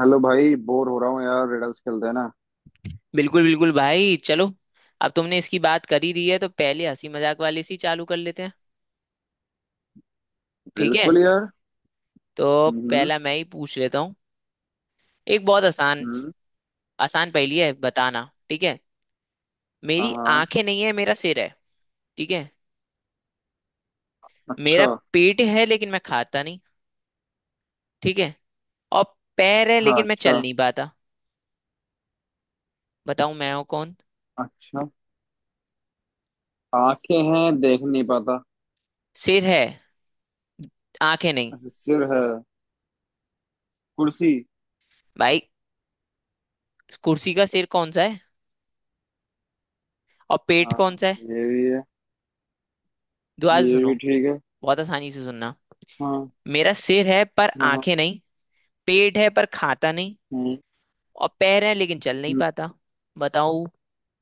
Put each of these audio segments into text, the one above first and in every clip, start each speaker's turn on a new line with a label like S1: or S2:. S1: Hello भाई, bore हो रहा हूँ यार, रिडल्स खेलते हैं ना।
S2: बिल्कुल बिल्कुल भाई चलो। अब तुमने इसकी बात कर ही दी है तो पहले हंसी मजाक वाले से ही चालू कर लेते हैं। ठीक है,
S1: बिल्कुल यार।
S2: तो
S1: हम्म।
S2: पहला मैं ही पूछ लेता हूँ। एक बहुत आसान
S1: हम्म।
S2: आसान पहेली है बताना। ठीक है, मेरी
S1: हाँ।
S2: आंखें नहीं है, मेरा सिर है। ठीक है,
S1: अच्छा।
S2: मेरा पेट है लेकिन मैं खाता नहीं। ठीक है, और पैर है
S1: हाँ।
S2: लेकिन मैं चल
S1: अच्छा।
S2: नहीं पाता। बताऊं मैं हूं कौन।
S1: अच्छा। आंखें हैं देख नहीं पाता।
S2: सिर है, आंखें नहीं।
S1: सिर है। कुर्सी।
S2: भाई कुर्सी का सिर कौन सा है और पेट कौन
S1: हाँ।
S2: सा है।
S1: ये भी है।
S2: दोबारा से
S1: ये
S2: सुनो,
S1: भी ठीक है।
S2: बहुत आसानी से सुनना।
S1: हाँ,
S2: मेरा सिर है पर
S1: हाँ,
S2: आंखें
S1: हाँ।
S2: नहीं। पेट है पर खाता नहीं।
S1: हम्म।
S2: और पैर है लेकिन चल नहीं
S1: हम्म।
S2: पाता। बताओ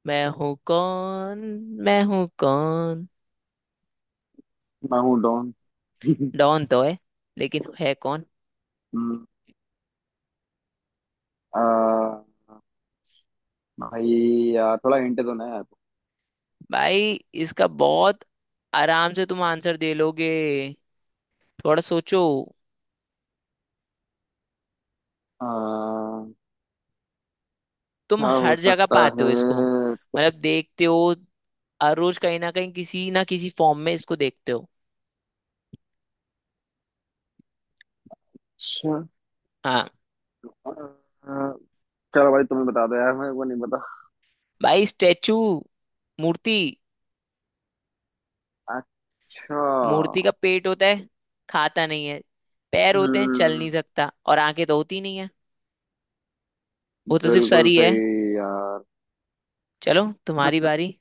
S2: मैं हूँ कौन, मैं हूँ कौन।
S1: मैं हूँ डॉन।
S2: डॉन तो है, लेकिन है कौन।
S1: हम्म। आ, भाई। यार थोड़ा हिंट तो नहीं है।
S2: भाई इसका बहुत आराम से तुम आंसर दे लोगे। थोड़ा सोचो, तुम
S1: क्या हो
S2: हर जगह
S1: सकता
S2: पाते
S1: है।
S2: हो इसको।
S1: तो।
S2: मतलब देखते हो, हर रोज कहीं ना कहीं किसी ना किसी फॉर्म में इसको देखते हो।
S1: अच्छा।
S2: हाँ,
S1: आ, चलो भाई तुम्हें बता दो यार, मेरे को नहीं।
S2: भाई स्टेचू, मूर्ति।
S1: अच्छा।
S2: मूर्ति का पेट होता है, खाता नहीं है। पैर होते हैं चल
S1: हम्म।
S2: नहीं सकता, और आंखें तो होती नहीं है। वो तो सिर्फ सर
S1: बिल्कुल
S2: ही है।
S1: सही यार।
S2: चलो तुम्हारी बारी।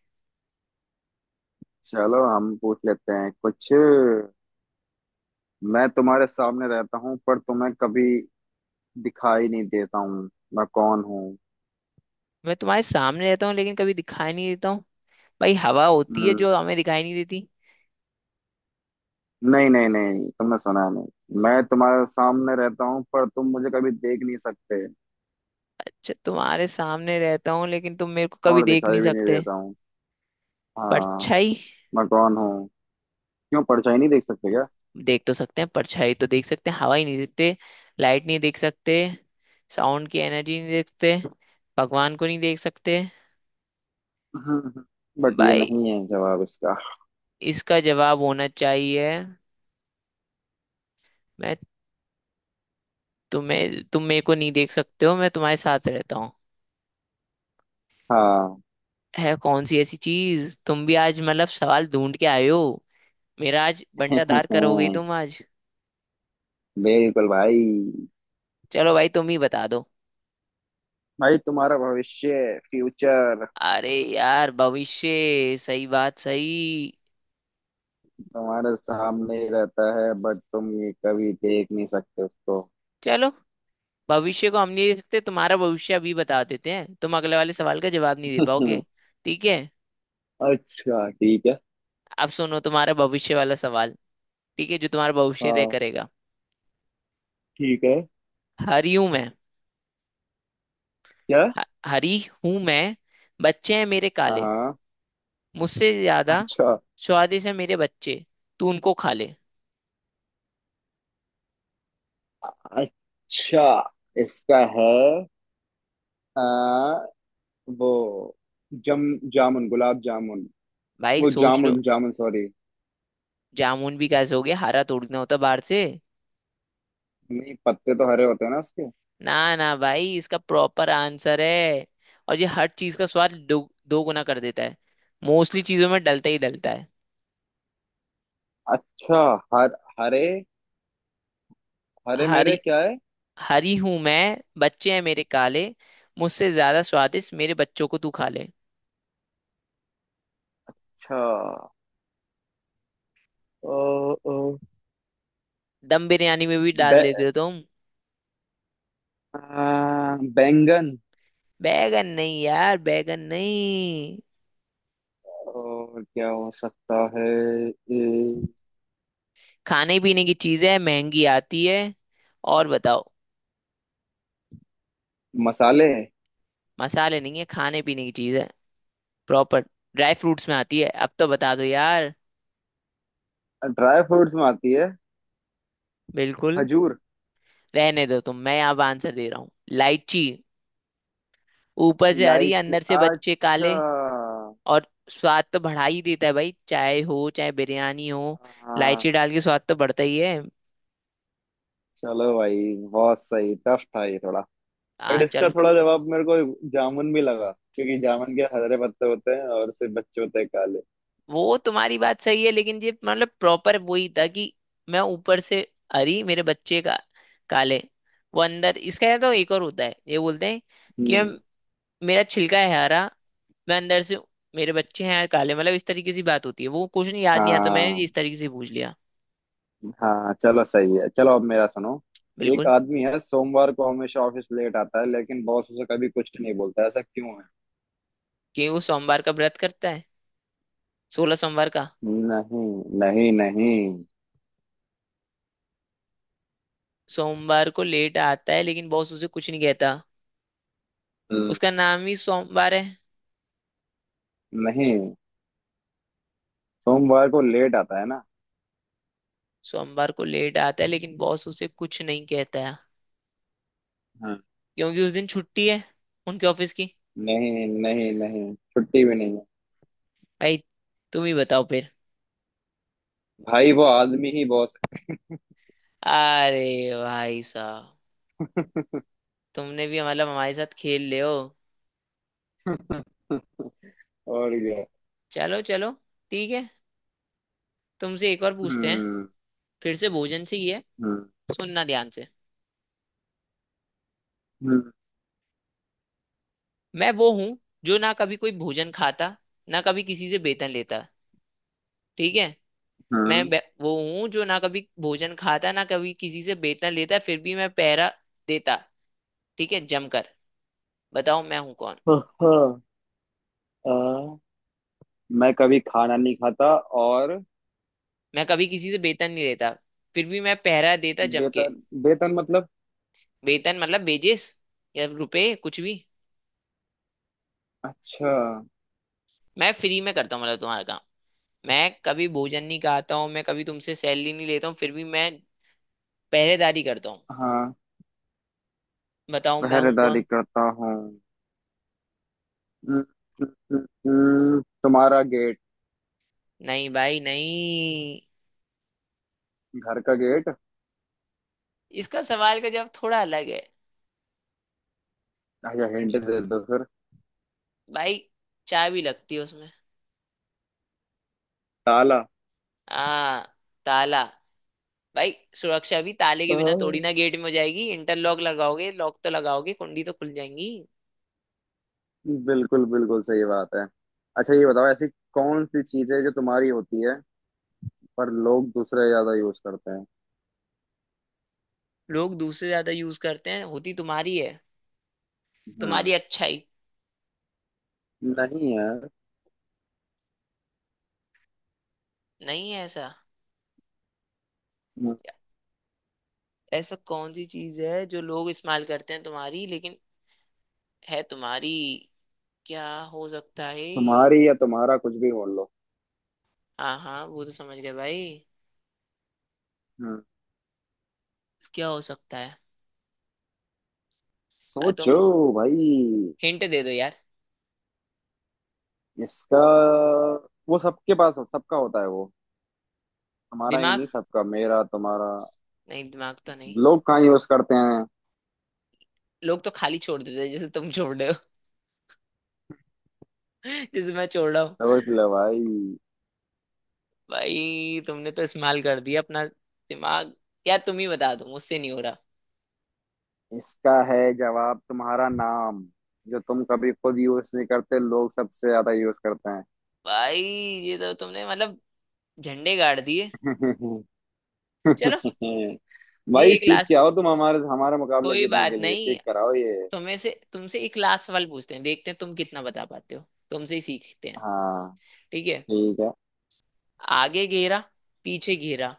S1: चलो हम पूछ लेते हैं कुछ। मैं तुम्हारे सामने रहता हूँ पर तुम्हें कभी दिखाई नहीं देता हूँ। मैं कौन हूँ?
S2: मैं तुम्हारे सामने रहता हूँ लेकिन कभी दिखाई नहीं देता हूँ। भाई हवा होती है
S1: हम्म।
S2: जो हमें दिखाई नहीं देती।
S1: नहीं नहीं नहीं, तुमने सुना नहीं। मैं तुम्हारे सामने रहता हूँ पर तुम मुझे कभी देख नहीं सकते
S2: अच्छा, तुम्हारे सामने रहता हूँ लेकिन तुम मेरे को कभी
S1: और
S2: देख नहीं
S1: दिखाई भी नहीं
S2: सकते।
S1: देता हूँ। हाँ।
S2: परछाई।
S1: मैं कौन हूँ? क्यों, परछाई नहीं देख सकते क्या?
S2: देख तो सकते हैं, परछाई तो देख सकते हैं, हवा ही नहीं देखते। लाइट नहीं देख सकते। साउंड की एनर्जी नहीं देखते। भगवान को नहीं देख सकते।
S1: हम्म, बट ये
S2: भाई
S1: नहीं है जवाब इसका।
S2: इसका जवाब होना चाहिए मैं तुम्हें, तुम मेरे को नहीं देख सकते हो, मैं तुम्हारे साथ रहता हूँ।
S1: हाँ।
S2: है कौन सी ऐसी चीज? तुम भी आज मतलब सवाल ढूंढ के आए हो, मेरा आज बंटाधार करोगे ही तुम आज।
S1: बिल्कुल भाई।
S2: चलो भाई, तुम ही बता दो।
S1: भाई तुम्हारा भविष्य, फ्यूचर।
S2: अरे यार भविष्य, सही बात सही।
S1: तुम्हारे सामने ही रहता है बट तुम ये कभी देख नहीं सकते उसको।
S2: चलो, भविष्य को हम नहीं दे सकते। तुम्हारा भविष्य अभी बता देते हैं, तुम अगले वाले सवाल का जवाब नहीं दे पाओगे। ठीक है,
S1: अच्छा ठीक है।
S2: अब सुनो तुम्हारा भविष्य वाला सवाल। ठीक है, जो तुम्हारा भविष्य तय
S1: हाँ
S2: करेगा।
S1: ठीक है।
S2: हरी हूं मैं।
S1: क्या?
S2: ह- हरी हूं मैं, बच्चे हैं मेरे काले,
S1: हाँ।
S2: मुझसे ज्यादा
S1: अच्छा।
S2: स्वादिष्ट है मेरे बच्चे, तू उनको खा ले।
S1: अच्छा। इसका है। आ, वो जम जामुन, गुलाब जामुन।
S2: भाई
S1: वो
S2: सोच लो।
S1: जामुन जामुन, सॉरी।
S2: जामुन भी कैसे हो गया? हरा तोड़ना होता बाहर से?
S1: नहीं, पत्ते तो हरे होते हैं ना उसके।
S2: ना ना भाई, इसका प्रॉपर आंसर है। और ये हर चीज का स्वाद दो, दो गुना कर देता है। मोस्टली चीजों में डलता ही डलता है।
S1: अच्छा। हर हरे। हरे
S2: हरी,
S1: मेरे क्या है?
S2: हरी हूं मैं बच्चे हैं मेरे काले, मुझसे ज्यादा स्वादिष्ट मेरे बच्चों को तू खा ले।
S1: अच्छा। ओ, ओ,
S2: दम बिरयानी में भी डाल
S1: बे,
S2: देते हो तुम।
S1: बैंगन।
S2: बैगन नहीं यार, बैगन नहीं।
S1: और क्या हो सकता है? ए,
S2: खाने पीने की चीज है, महंगी आती है। और बताओ।
S1: मसाले।
S2: मसाले नहीं है, खाने पीने की चीज है प्रॉपर, ड्राई फ्रूट्स में आती है। अब तो बता दो यार।
S1: ड्राई फ्रूट्स में आती है।
S2: बिल्कुल।
S1: खजूर।
S2: रहने दो तुम, मैं यहाँ आंसर दे रहा हूँ। लाइची, ऊपर से हरी
S1: इलायची।
S2: अंदर से बच्चे
S1: अच्छा।
S2: काले। और स्वाद तो बढ़ा ही देता है भाई, चाय हो चाहे बिरयानी हो, इलायची
S1: हाँ।
S2: डाल के स्वाद तो बढ़ता ही है।
S1: चलो भाई बहुत सही, टफ था ये थोड़ा। बट
S2: हाँ
S1: इसका
S2: चलो।
S1: थोड़ा जवाब मेरे को, जामुन भी लगा, क्योंकि जामुन के हरे पत्ते होते हैं और सिर्फ बच्चे होते हैं काले।
S2: वो तुम्हारी बात सही है, लेकिन ये मतलब प्रॉपर वही था कि मैं ऊपर से हरी, मेरे बच्चे का काले, वो अंदर। इसका या तो एक और होता है, ये बोलते हैं कि हम,
S1: हम्म।
S2: मेरा छिलका है हरा, मैं अंदर से, मेरे बच्चे हैं काले। मतलब इस तरीके से बात होती है वो, कुछ नहीं, याद नहीं आता, मैंने
S1: हाँ,
S2: इस तरीके से पूछ लिया।
S1: हाँ, चलो सही है, चलो अब मेरा सुनो। एक
S2: बिल्कुल।
S1: आदमी है, सोमवार को हमेशा ऑफिस लेट आता है लेकिन बॉस उसे कभी कुछ नहीं बोलता, ऐसा क्यों है?
S2: कि वो सोमवार का व्रत करता है, 16 सोमवार का।
S1: नहीं। नहीं, नहीं।
S2: सोमवार को लेट आता है लेकिन बॉस उसे कुछ नहीं कहता।
S1: हम्म।
S2: उसका नाम ही सोमवार है।
S1: नहीं, सोमवार को लेट आता है ना?
S2: सोमवार को लेट आता है लेकिन बॉस उसे कुछ नहीं कहता है।
S1: हाँ।
S2: क्योंकि उस दिन छुट्टी है उनके ऑफिस की।
S1: नहीं नहीं नहीं, छुट्टी भी नहीं है।
S2: भाई तुम ही बताओ फिर।
S1: भाई वो आदमी ही बॉस
S2: अरे भाई साहब,
S1: है।
S2: तुमने भी मतलब हमारे साथ खेल ले हो।
S1: और क्या।
S2: चलो चलो, ठीक है, तुमसे एक और पूछते हैं।
S1: हम्म।
S2: फिर से भोजन से ही है।
S1: हम्म।
S2: सुनना ध्यान से।
S1: हम्म।
S2: मैं वो हूँ जो ना कभी कोई भोजन खाता, ना कभी किसी से वेतन लेता। ठीक है,
S1: हम्म।
S2: वो हूँ जो ना कभी भोजन खाता, ना कभी किसी से वेतन लेता, फिर भी मैं पहरा देता। ठीक है जमकर। बताओ मैं हूँ कौन।
S1: हाँ, हाँ। मैं कभी खाना नहीं खाता और
S2: मैं कभी किसी से वेतन नहीं लेता, फिर भी मैं पहरा देता जम के।
S1: वेतन, वेतन मतलब?
S2: वेतन मतलब वेजेस, या रुपए कुछ भी।
S1: अच्छा।
S2: मैं फ्री में करता हूँ मतलब तुम्हारा काम। मैं कभी भोजन नहीं खाता हूँ, मैं कभी तुमसे सैलरी नहीं लेता हूँ, फिर भी मैं पहरेदारी करता हूँ।
S1: हाँ।
S2: बताओ मैं हूँ
S1: पहरेदारी
S2: कौन।
S1: करता हूँ। हम्म। हम्म। हम्म। तुम्हारा गेट।
S2: नहीं भाई नहीं,
S1: घर का गेट।
S2: इसका सवाल का जवाब थोड़ा अलग है।
S1: या हिंट दे दो फिर।
S2: भाई चाय भी लगती है उसमें।
S1: ताला।
S2: आ, ताला। भाई सुरक्षा भी ताले के बिना तोड़ी
S1: हाँ।
S2: ना गेट में हो जाएगी, इंटरलॉक लगाओगे, लॉक तो लगाओगे, कुंडी तो खुल जाएंगी।
S1: बिल्कुल बिल्कुल सही बात है। अच्छा, ये बताओ ऐसी कौन सी चीज है जो तुम्हारी होती है पर लोग दूसरे ज्यादा यूज करते हैं।
S2: लोग दूसरे ज्यादा यूज करते हैं, होती तुम्हारी है।
S1: हम्म।
S2: तुम्हारी अच्छाई?
S1: नहीं यार।
S2: नहीं है ऐसा।
S1: हम्म।
S2: ऐसा कौन सी चीज है जो लोग इस्तेमाल करते हैं तुम्हारी, लेकिन है तुम्हारी। क्या हो सकता है?
S1: तुम्हारी या तुम्हारा, कुछ भी बोल लो।
S2: हाँ हाँ वो तो समझ गए भाई।
S1: हम्म।
S2: क्या हो सकता है? तो
S1: सोचो भाई।
S2: हिंट दे दो यार।
S1: इसका, वो सबके पास सबका होता है वो, हमारा ही
S2: दिमाग?
S1: नहीं, सबका, मेरा, तुम्हारा।
S2: नहीं दिमाग तो नहीं।
S1: लोग कहाँ यूज करते हैं।
S2: लोग तो खाली छोड़ देते हैं जैसे तुम छोड़ रहे हो, जैसे मैं छोड़ रहा हूँ।
S1: सोच लो भाई।
S2: भाई तुमने तो इस्तेमाल कर दिया अपना दिमाग। यार तुम ही बता दो, मुझसे नहीं हो रहा।
S1: इसका है जवाब, तुम्हारा नाम। जो तुम कभी खुद यूज नहीं करते, लोग सबसे ज्यादा यूज करते
S2: भाई ये तो तुमने मतलब झंडे गाड़ दिए।
S1: हैं।
S2: चलो, ये
S1: भाई
S2: एक
S1: सीख के
S2: लास्ट,
S1: आओ, तुम हमारे हमारे मुकाबले
S2: कोई
S1: जीतने
S2: बात
S1: के लिए
S2: नहीं,
S1: सीख कर आओ ये।
S2: तुम्हें से तुमसे एक लास्ट सवाल पूछते हैं, देखते हैं तुम कितना बता पाते हो, तुमसे ही सीखते हैं।
S1: हाँ
S2: ठीक है।
S1: ठीक है।
S2: आगे घेरा, पीछे घेरा,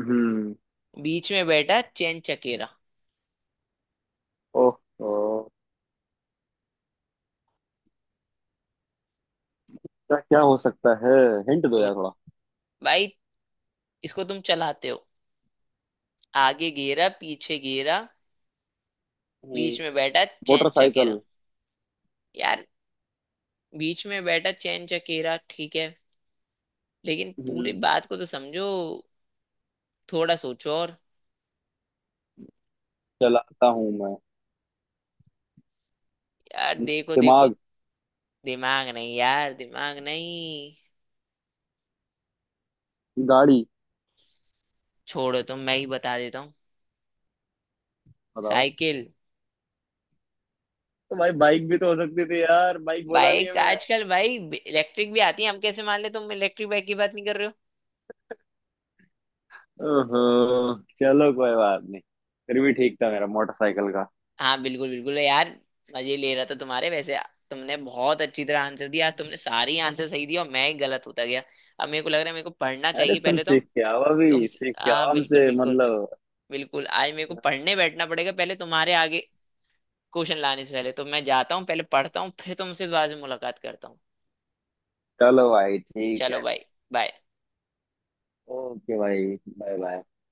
S1: हम्म।
S2: बीच में बैठा चैन चकेरा।
S1: ओह। ओह, क्या क्या हो सकता है? हिंट दो
S2: तो
S1: यार थोड़ा।
S2: भाई इसको तुम चलाते हो। आगे घेरा, पीछे घेरा,
S1: हम्म,
S2: बीच में बैठा चैन चकेरा।
S1: मोटरसाइकिल।
S2: यार, बीच में बैठा चैन चकेरा ठीक है, लेकिन पूरी
S1: हम्म,
S2: बात को तो समझो, थोड़ा सोचो और।
S1: चलाता हूँ मैं।
S2: यार
S1: हम्म,
S2: देखो देखो।
S1: दिमाग।
S2: दिमाग नहीं यार, दिमाग नहीं।
S1: गाड़ी।
S2: छोड़ो तुम, मैं ही बता देता हूँ।
S1: बताओ।
S2: साइकिल।
S1: तो भाई बाइक भी तो हो सकती थी यार, बाइक बोला नहीं है
S2: बाइक
S1: मैं।
S2: आजकल भाई इलेक्ट्रिक भी आती है, हम कैसे मान ले तुम इलेक्ट्रिक बाइक की बात नहीं कर रहे हो।
S1: ओहो, चलो कोई बात नहीं। फिर भी ठीक था मेरा, मोटरसाइकिल का।
S2: हाँ बिल्कुल बिल्कुल यार, मजे ले रहा था तुम्हारे वैसे। तुमने बहुत अच्छी तरह आंसर दिया आज, तुमने सारी आंसर सही दिया और मैं ही गलत होता गया। अब मेरे को लग रहा है मेरे को पढ़ना
S1: अरे
S2: चाहिए
S1: तुम
S2: पहले तो।
S1: सीख के आओ,
S2: तुम,
S1: अभी सीख के
S2: हाँ
S1: आओ
S2: बिल्कुल
S1: हमसे,
S2: बिल्कुल।
S1: मतलब।
S2: बिल्कुल आज मेरे को पढ़ने बैठना पड़ेगा, पहले तुम्हारे आगे क्वेश्चन लाने से पहले तो। मैं जाता हूँ, पहले पढ़ता हूँ, फिर तुमसे बाद में मुलाकात करता हूँ।
S1: चलो भाई ठीक
S2: चलो
S1: है।
S2: भाई। बाय।
S1: ओके भाई। Bye bye.